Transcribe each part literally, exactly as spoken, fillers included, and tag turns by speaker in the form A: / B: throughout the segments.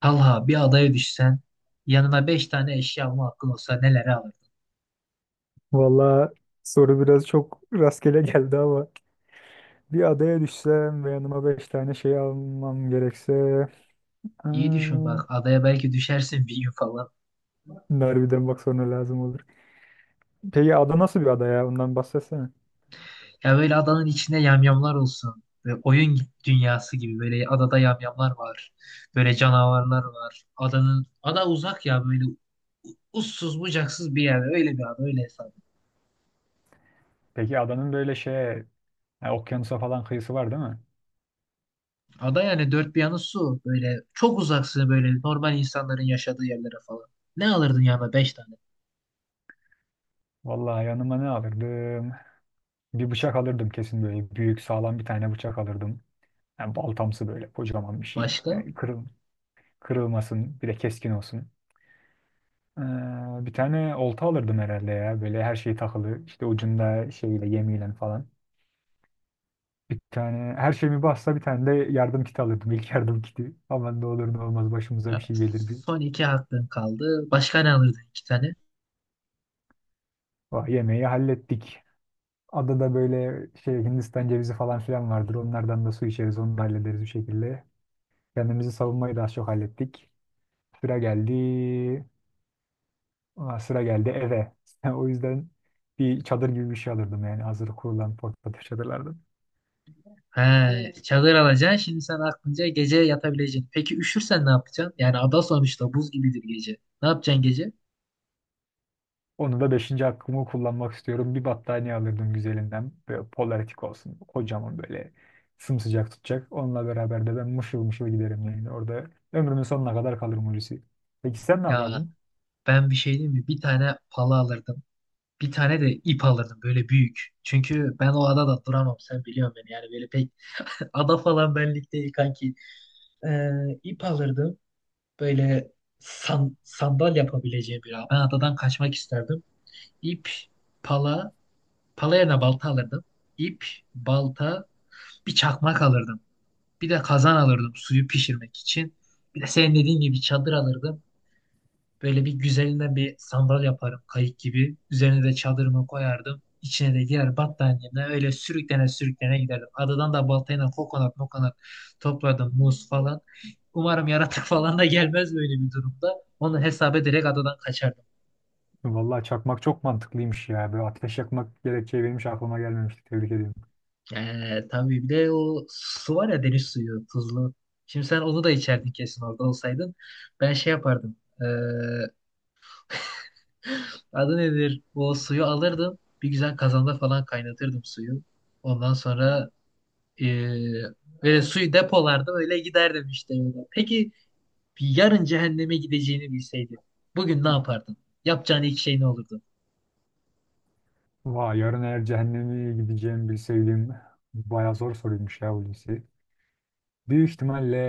A: Talha, bir adaya düşsen yanına beş tane eşya alma hakkın olsa nelere alırdın?
B: Valla soru biraz çok rastgele geldi ama bir adaya düşsem ve yanıma beş tane şey almam gerekse
A: İyi düşün
B: aa,
A: bak, adaya belki düşersin bir gün falan.
B: bunlar bak sonra lazım olur. Peki ada nasıl bir ada ya? Ondan bahsetsene.
A: Ya böyle adanın içinde yamyamlar olsun. Böyle oyun dünyası gibi, böyle adada yamyamlar var. Böyle canavarlar var. Adanın ada uzak ya, böyle uçsuz bucaksız bir yer. Öyle bir ada, öyle hesap. Et.
B: Peki adanın böyle şeye, ha, okyanusa falan kıyısı var değil mi?
A: Ada yani dört bir yanı su. Böyle çok uzaksın, böyle normal insanların yaşadığı yerlere falan. Ne alırdın yanına beş tane?
B: Vallahi yanıma ne alırdım? Bir bıçak alırdım kesin böyle büyük sağlam bir tane bıçak alırdım. Yani baltamsı böyle kocaman bir şey.
A: Başka?
B: Yani kırıl, kırılmasın bir de keskin olsun. Ee, bir tane olta alırdım herhalde ya. Böyle her şey takılı. İşte ucunda şeyle yemiyle falan. Bir tane her şeyimi bassa bir tane de yardım kiti alırdım. İlk yardım kiti. Aman ne olur ne olmaz başımıza bir
A: Ya,
B: şey gelir bir.
A: son iki hakkın kaldı. Başka ne alırdın iki tane?
B: Vah, yemeği hallettik. Adada böyle şey Hindistan cevizi falan filan vardır. Onlardan da su içeriz. Onu da hallederiz bir şekilde. Kendimizi savunmayı da az çok hallettik. Sıra geldi. Aa, sıra geldi eve. O yüzden bir çadır gibi bir şey alırdım yani hazır kurulan portatif çadırlardan.
A: He, hmm. Çadır alacaksın. Şimdi sen aklınca gece yatabileceksin. Peki üşürsen ne yapacaksın? Yani ada sonuçta buz gibidir gece. Ne yapacaksın gece?
B: Onu da beşinci hakkımı kullanmak istiyorum. Bir battaniye alırdım güzelinden. Böyle polaretik olsun. Kocaman böyle sımsıcak tutacak. Onunla beraber de ben mışıl mışıl giderim yani. Orada ömrümün sonuna kadar kalırım Hulusi. Peki sen ne
A: Ya,
B: yapardın?
A: ben bir şey diyeyim mi? Bir tane pala alırdım. Bir tane de ip alırdım, böyle büyük. Çünkü ben o adada duramam. Sen biliyorsun beni. Yani böyle pek ada falan benlik değil kanki. Ee, ip alırdım. Böyle san, sandal yapabileceğim bir. Ben adadan kaçmak isterdim. İp, pala. Pala yerine balta alırdım. İp, balta, bir çakmak alırdım. Bir de kazan alırdım suyu pişirmek için. Bir de senin dediğin gibi çadır alırdım. Böyle bir güzelinden bir sandal yaparım kayık gibi. Üzerine de çadırımı koyardım. İçine de diğer battaniyemle öyle sürüklene sürüklene giderdim. Adadan da baltayla kokonat mokonat topladım, muz falan. Umarım yaratık falan da gelmez böyle bir durumda. Onu hesap ederek adadan kaçardım.
B: Vallahi çakmak çok mantıklıymış ya. Böyle ateş yakmak gerekçeyi benim hiç aklıma gelmemişti. Tebrik ediyorum.
A: Ee, tabii bir de o su var ya, deniz suyu tuzlu. Şimdi sen onu da içerdin kesin orada olsaydın. Ben şey yapardım. Ee, Adı nedir? O suyu alırdım. Bir güzel kazanda falan kaynatırdım suyu. Ondan sonra ee, böyle suyu depolardım, öyle giderdim işte. yolda. Peki bir yarın cehenneme gideceğini bilseydin. Bugün ne yapardın? Yapacağın ilk şey ne olurdu?
B: Vay yarın eğer cehenneme gideceğim bilseydim. Bayağı zor soruymuş ya Hulusi. Büyük ihtimalle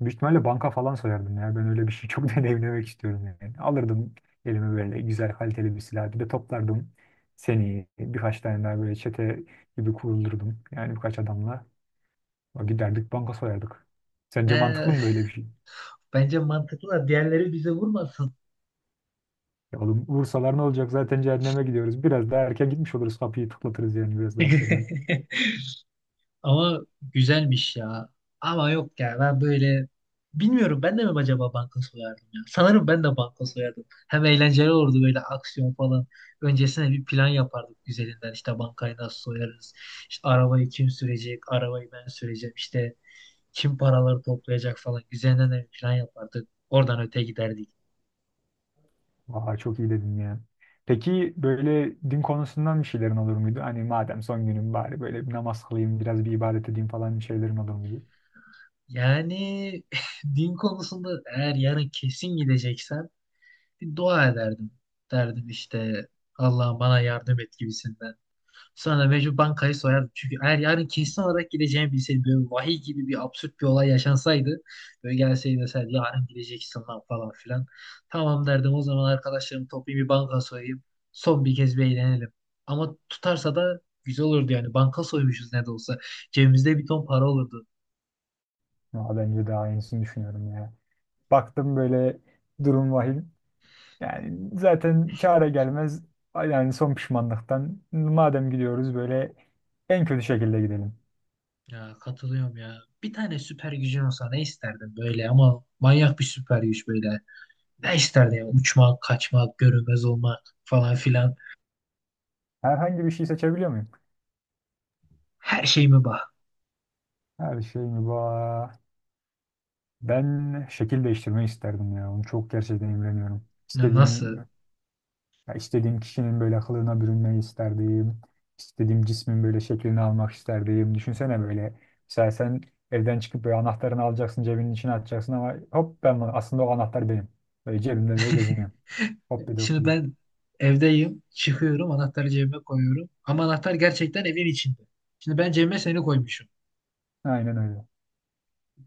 B: büyük ihtimalle banka falan soyardım ya. Ben öyle bir şey çok deneyimlemek istiyorum yani. Alırdım elime böyle güzel kaliteli bir silah. Bir de toplardım seni birkaç tane daha böyle çete gibi kurulurdum. Yani birkaç adamla giderdik banka soyardık. Sence mantıklı
A: Ee,
B: mı böyle bir şey?
A: bence mantıklı da diğerleri bize vurmasın.
B: Ya oğlum vursalar ne olacak? Zaten cehenneme gidiyoruz. Biraz daha erken gitmiş oluruz. Kapıyı tıklatırız yani biraz daha erkenden.
A: Ama güzelmiş ya. Ama yok ya, ben böyle bilmiyorum, ben de mi acaba banka soyardım ya. Sanırım ben de banka soyardım. Hem eğlenceli olurdu böyle, aksiyon falan. Öncesine bir plan yapardık güzelinden. İşte bankayı nasıl soyarız. İşte arabayı kim sürecek, arabayı ben süreceğim. İşte kim paraları toplayacak falan. Güzelinden de bir plan yapardık. Oradan öte giderdik.
B: Vay çok iyi dedin ya. Peki böyle din konusundan bir şeylerin olur muydu? Hani madem son günüm bari böyle bir namaz kılayım, biraz bir ibadet edeyim falan bir şeylerin olur muydu?
A: Yani din konusunda eğer yarın kesin gideceksen bir dua ederdim. Derdim işte Allah'ım bana yardım et gibisinden. Sonra mecbur bankayı soyardım. Çünkü eğer yarın kesin olarak gideceğimi bilseydim, böyle vahiy gibi bir absürt bir olay yaşansaydı, böyle gelseydi deseydi yarın gideceksin lan falan filan. Tamam derdim, o zaman arkadaşlarımı toplayayım, bir banka soyayım. Son bir kez bir eğlenelim. Ama tutarsa da güzel olurdu yani. Banka soymuşuz ne de olsa. Cebimizde bir ton para olurdu.
B: Ya bence daha iyisini düşünüyorum ya. Baktım böyle durum vahim. Yani zaten çare gelmez. Yani son pişmanlıktan madem gidiyoruz böyle en kötü şekilde gidelim.
A: Ya katılıyorum ya. Bir tane süper gücün olsa ne isterdin böyle, ama manyak bir süper güç böyle. Ne isterdi ya? Uçmak, kaçmak, görünmez olmak falan filan.
B: Herhangi bir şey seçebiliyor muyum?
A: Her şeyime bak.
B: Her şey mi var? Ben şekil değiştirmeyi isterdim ya. Onu çok gerçekten imreniyorum.
A: Ya,
B: İstediğim
A: nasıl?
B: Ya istediğim kişinin böyle kılığına bürünmeyi isterdim. İstediğim cismin böyle şeklini almak isterdim. Düşünsene böyle. Mesela sen evden çıkıp böyle anahtarını alacaksın, cebinin içine atacaksın ama hop ben bunu- aslında o anahtar benim. Böyle cebimde böyle geziniyorum. Hop bir de hop bir
A: Şimdi
B: de.
A: ben evdeyim. Çıkıyorum. Anahtarı cebime koyuyorum. Ama anahtar gerçekten evin içinde. Şimdi ben cebime seni koymuşum.
B: Aynen öyle.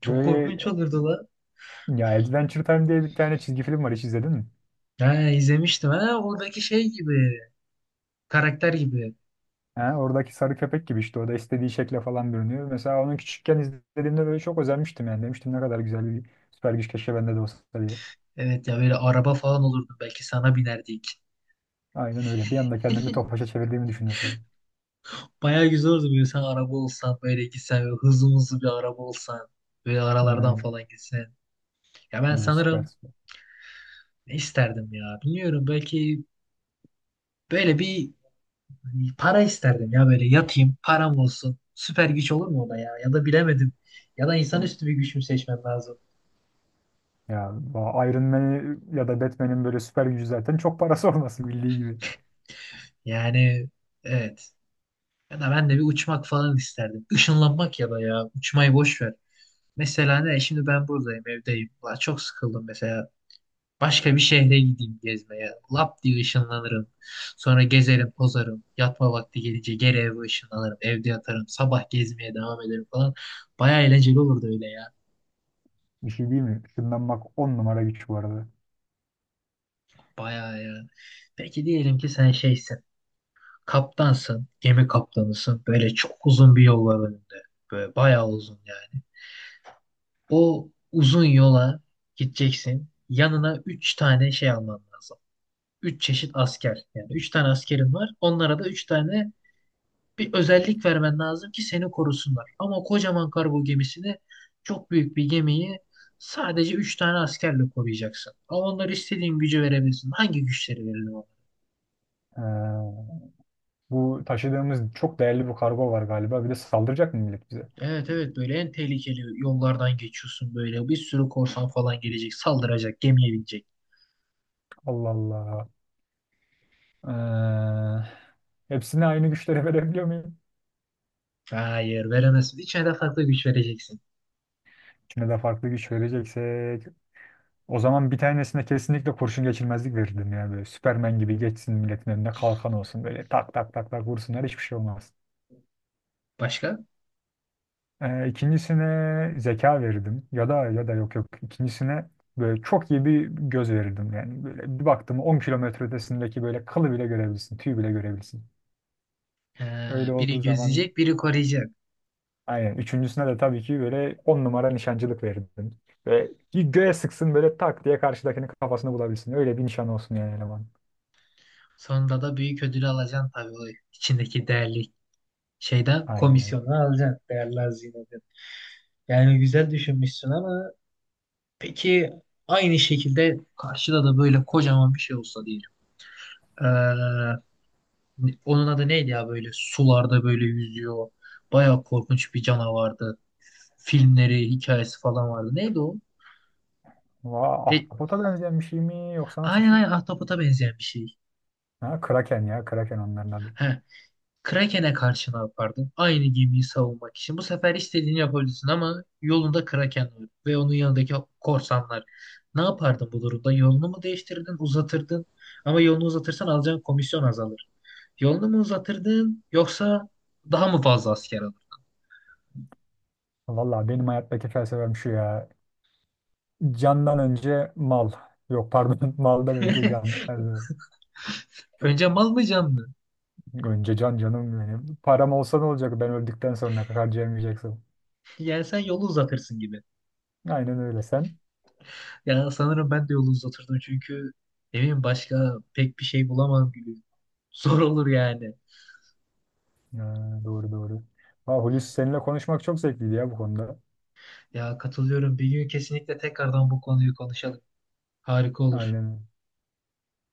A: Çok korkunç
B: Böyle
A: olurdu lan.
B: ya Adventure Time diye bir tane çizgi film var hiç izledin mi?
A: Ha, izlemiştim. Ha, oradaki şey gibi. Karakter gibi.
B: Ha, oradaki sarı köpek gibi işte o da istediği şekle falan bürünüyor. Mesela onu küçükken izlediğimde böyle çok özenmiştim yani. Demiştim ne kadar güzel bir süper güç keşke bende de olsa diye.
A: Evet ya, böyle araba falan olurdu. Belki sana binerdik.
B: Aynen öyle. Bir anda kendimi Tofaş'a çevirdiğimi düşünüyorsun.
A: Bayağı güzel olurdu böyle, sen araba olsan. Böyle gitsen, böyle hızlı hızlı bir araba olsan. Böyle aralardan
B: Yani,
A: falan gitsen. Ya ben
B: evet, süper
A: sanırım.
B: süper.
A: Ne isterdim ya? Bilmiyorum. Belki böyle bir hani, para isterdim ya, böyle yatayım, param olsun. Süper güç olur mu o da ya? Ya da bilemedim. Ya da insanüstü bir güç mü seçmem lazım?
B: Ya bu Iron Man ya da Batman'in böyle süper gücü zaten çok parası olması bildiği gibi.
A: Yani evet. Ya da ben de bir uçmak falan isterdim. Işınlanmak ya da ya. Uçmayı boş ver. Mesela ne? Şimdi ben buradayım, evdeyim. Ulan çok sıkıldım mesela. Başka bir şehre gideyim gezmeye. Lap diye ışınlanırım. Sonra gezerim, tozarım. Yatma vakti gelince geri eve ışınlanırım. Evde yatarım. Sabah gezmeye devam ederim falan. Baya eğlenceli olurdu öyle ya.
B: Bir şey değil mi? Işınlanmak on numara güç bu arada.
A: Baya ya. Peki diyelim ki sen şeysin. Kaptansın. Gemi kaptanısın. Böyle çok uzun bir yol var önünde. Böyle bayağı uzun yani. O uzun yola gideceksin. Yanına üç tane şey alman lazım. Üç çeşit asker. Yani üç tane askerin var. Onlara da üç tane bir özellik vermen lazım ki seni korusunlar. Ama kocaman kargo gemisini, çok büyük bir gemiyi, sadece üç tane askerle koruyacaksın. Ama onlara istediğin gücü verebilirsin. Hangi güçleri verelim ona?
B: Ee, Bu taşıdığımız çok değerli bir kargo var galiba. Bir de saldıracak mı millet bize?
A: Evet evet, böyle en tehlikeli yollardan geçiyorsun böyle. Bir sürü korsan falan gelecek, saldıracak, gemiye binecek.
B: Allah Allah. Ee, hepsine aynı güçleri verebiliyor muyum?
A: Hayır, veremezsin. İçine de farklı güç vereceksin.
B: İkine de farklı güç vereceksek o zaman bir tanesine kesinlikle kurşun geçirmezlik verirdim ya böyle. Süpermen gibi geçsin milletin önüne kalkan olsun böyle tak tak tak tak vursunlar hiçbir şey olmaz.
A: Başka?
B: Ee, ikincisine zeka verirdim ya da ya da yok yok ikincisine böyle çok iyi bir göz verirdim yani böyle bir baktım on kilometre ötesindeki böyle kılı bile görebilirsin tüy bile görebilirsin.
A: Ee,
B: Öyle
A: Biri
B: olduğu zaman
A: gözleyecek, biri koruyacak.
B: aynen üçüncüsüne de tabii ki böyle on numara nişancılık verirdim. Ve bir göğe sıksın böyle tak diye karşıdakinin kafasını bulabilsin öyle bir nişan olsun yani eleman.
A: Sonunda da büyük ödül alacaksın tabii, o içindeki değerli şeyden
B: Aynen öyle.
A: komisyonu alacaksın. Değerli hazine. Yani güzel düşünmüşsün, ama peki aynı şekilde karşıda da böyle kocaman bir şey olsa diyelim. Ee, Onun adı neydi ya, böyle sularda böyle yüzüyor. Bayağı korkunç bir canavardı. Filmleri, hikayesi falan vardı. Neydi o?
B: Vaa,
A: E,
B: ahtapota benzeyen bir şey mi yoksa nasıl bir
A: aynen
B: şey?
A: aynen, ahtapota benzeyen bir şey.
B: Ha, kraken ya kraken onların adı.
A: He, Kraken'e karşı ne yapardın? Aynı gemiyi savunmak için. Bu sefer istediğini yapabilirsin, ama yolunda Kraken var ve onun yanındaki korsanlar. Ne yapardın bu durumda? Yolunu mu değiştirdin, uzatırdın? Ama yolunu uzatırsan alacağın komisyon azalır. Yolunu mu uzatırdın, yoksa daha mı fazla asker alır?
B: Valla benim hayattaki felsefem şu ya. Candan önce mal. Yok pardon maldan önce can. Nerede?
A: Önce mal mı, can mı?
B: Önce can canım benim. Param olsa ne olacak ben öldükten sonra harcayamayacaksın.
A: Yani sen yolu uzatırsın gibi.
B: Aynen öyle sen.
A: Ya sanırım ben de yolu uzatırdım, çünkü ne bileyim başka pek bir şey bulamam gibi. Zor olur yani.
B: Ha, doğru doğru. Ha, Hulusi seninle konuşmak çok zevkliydi ya bu konuda.
A: Ya katılıyorum. Bir gün kesinlikle tekrardan bu konuyu konuşalım. Harika olur.
B: Aynen.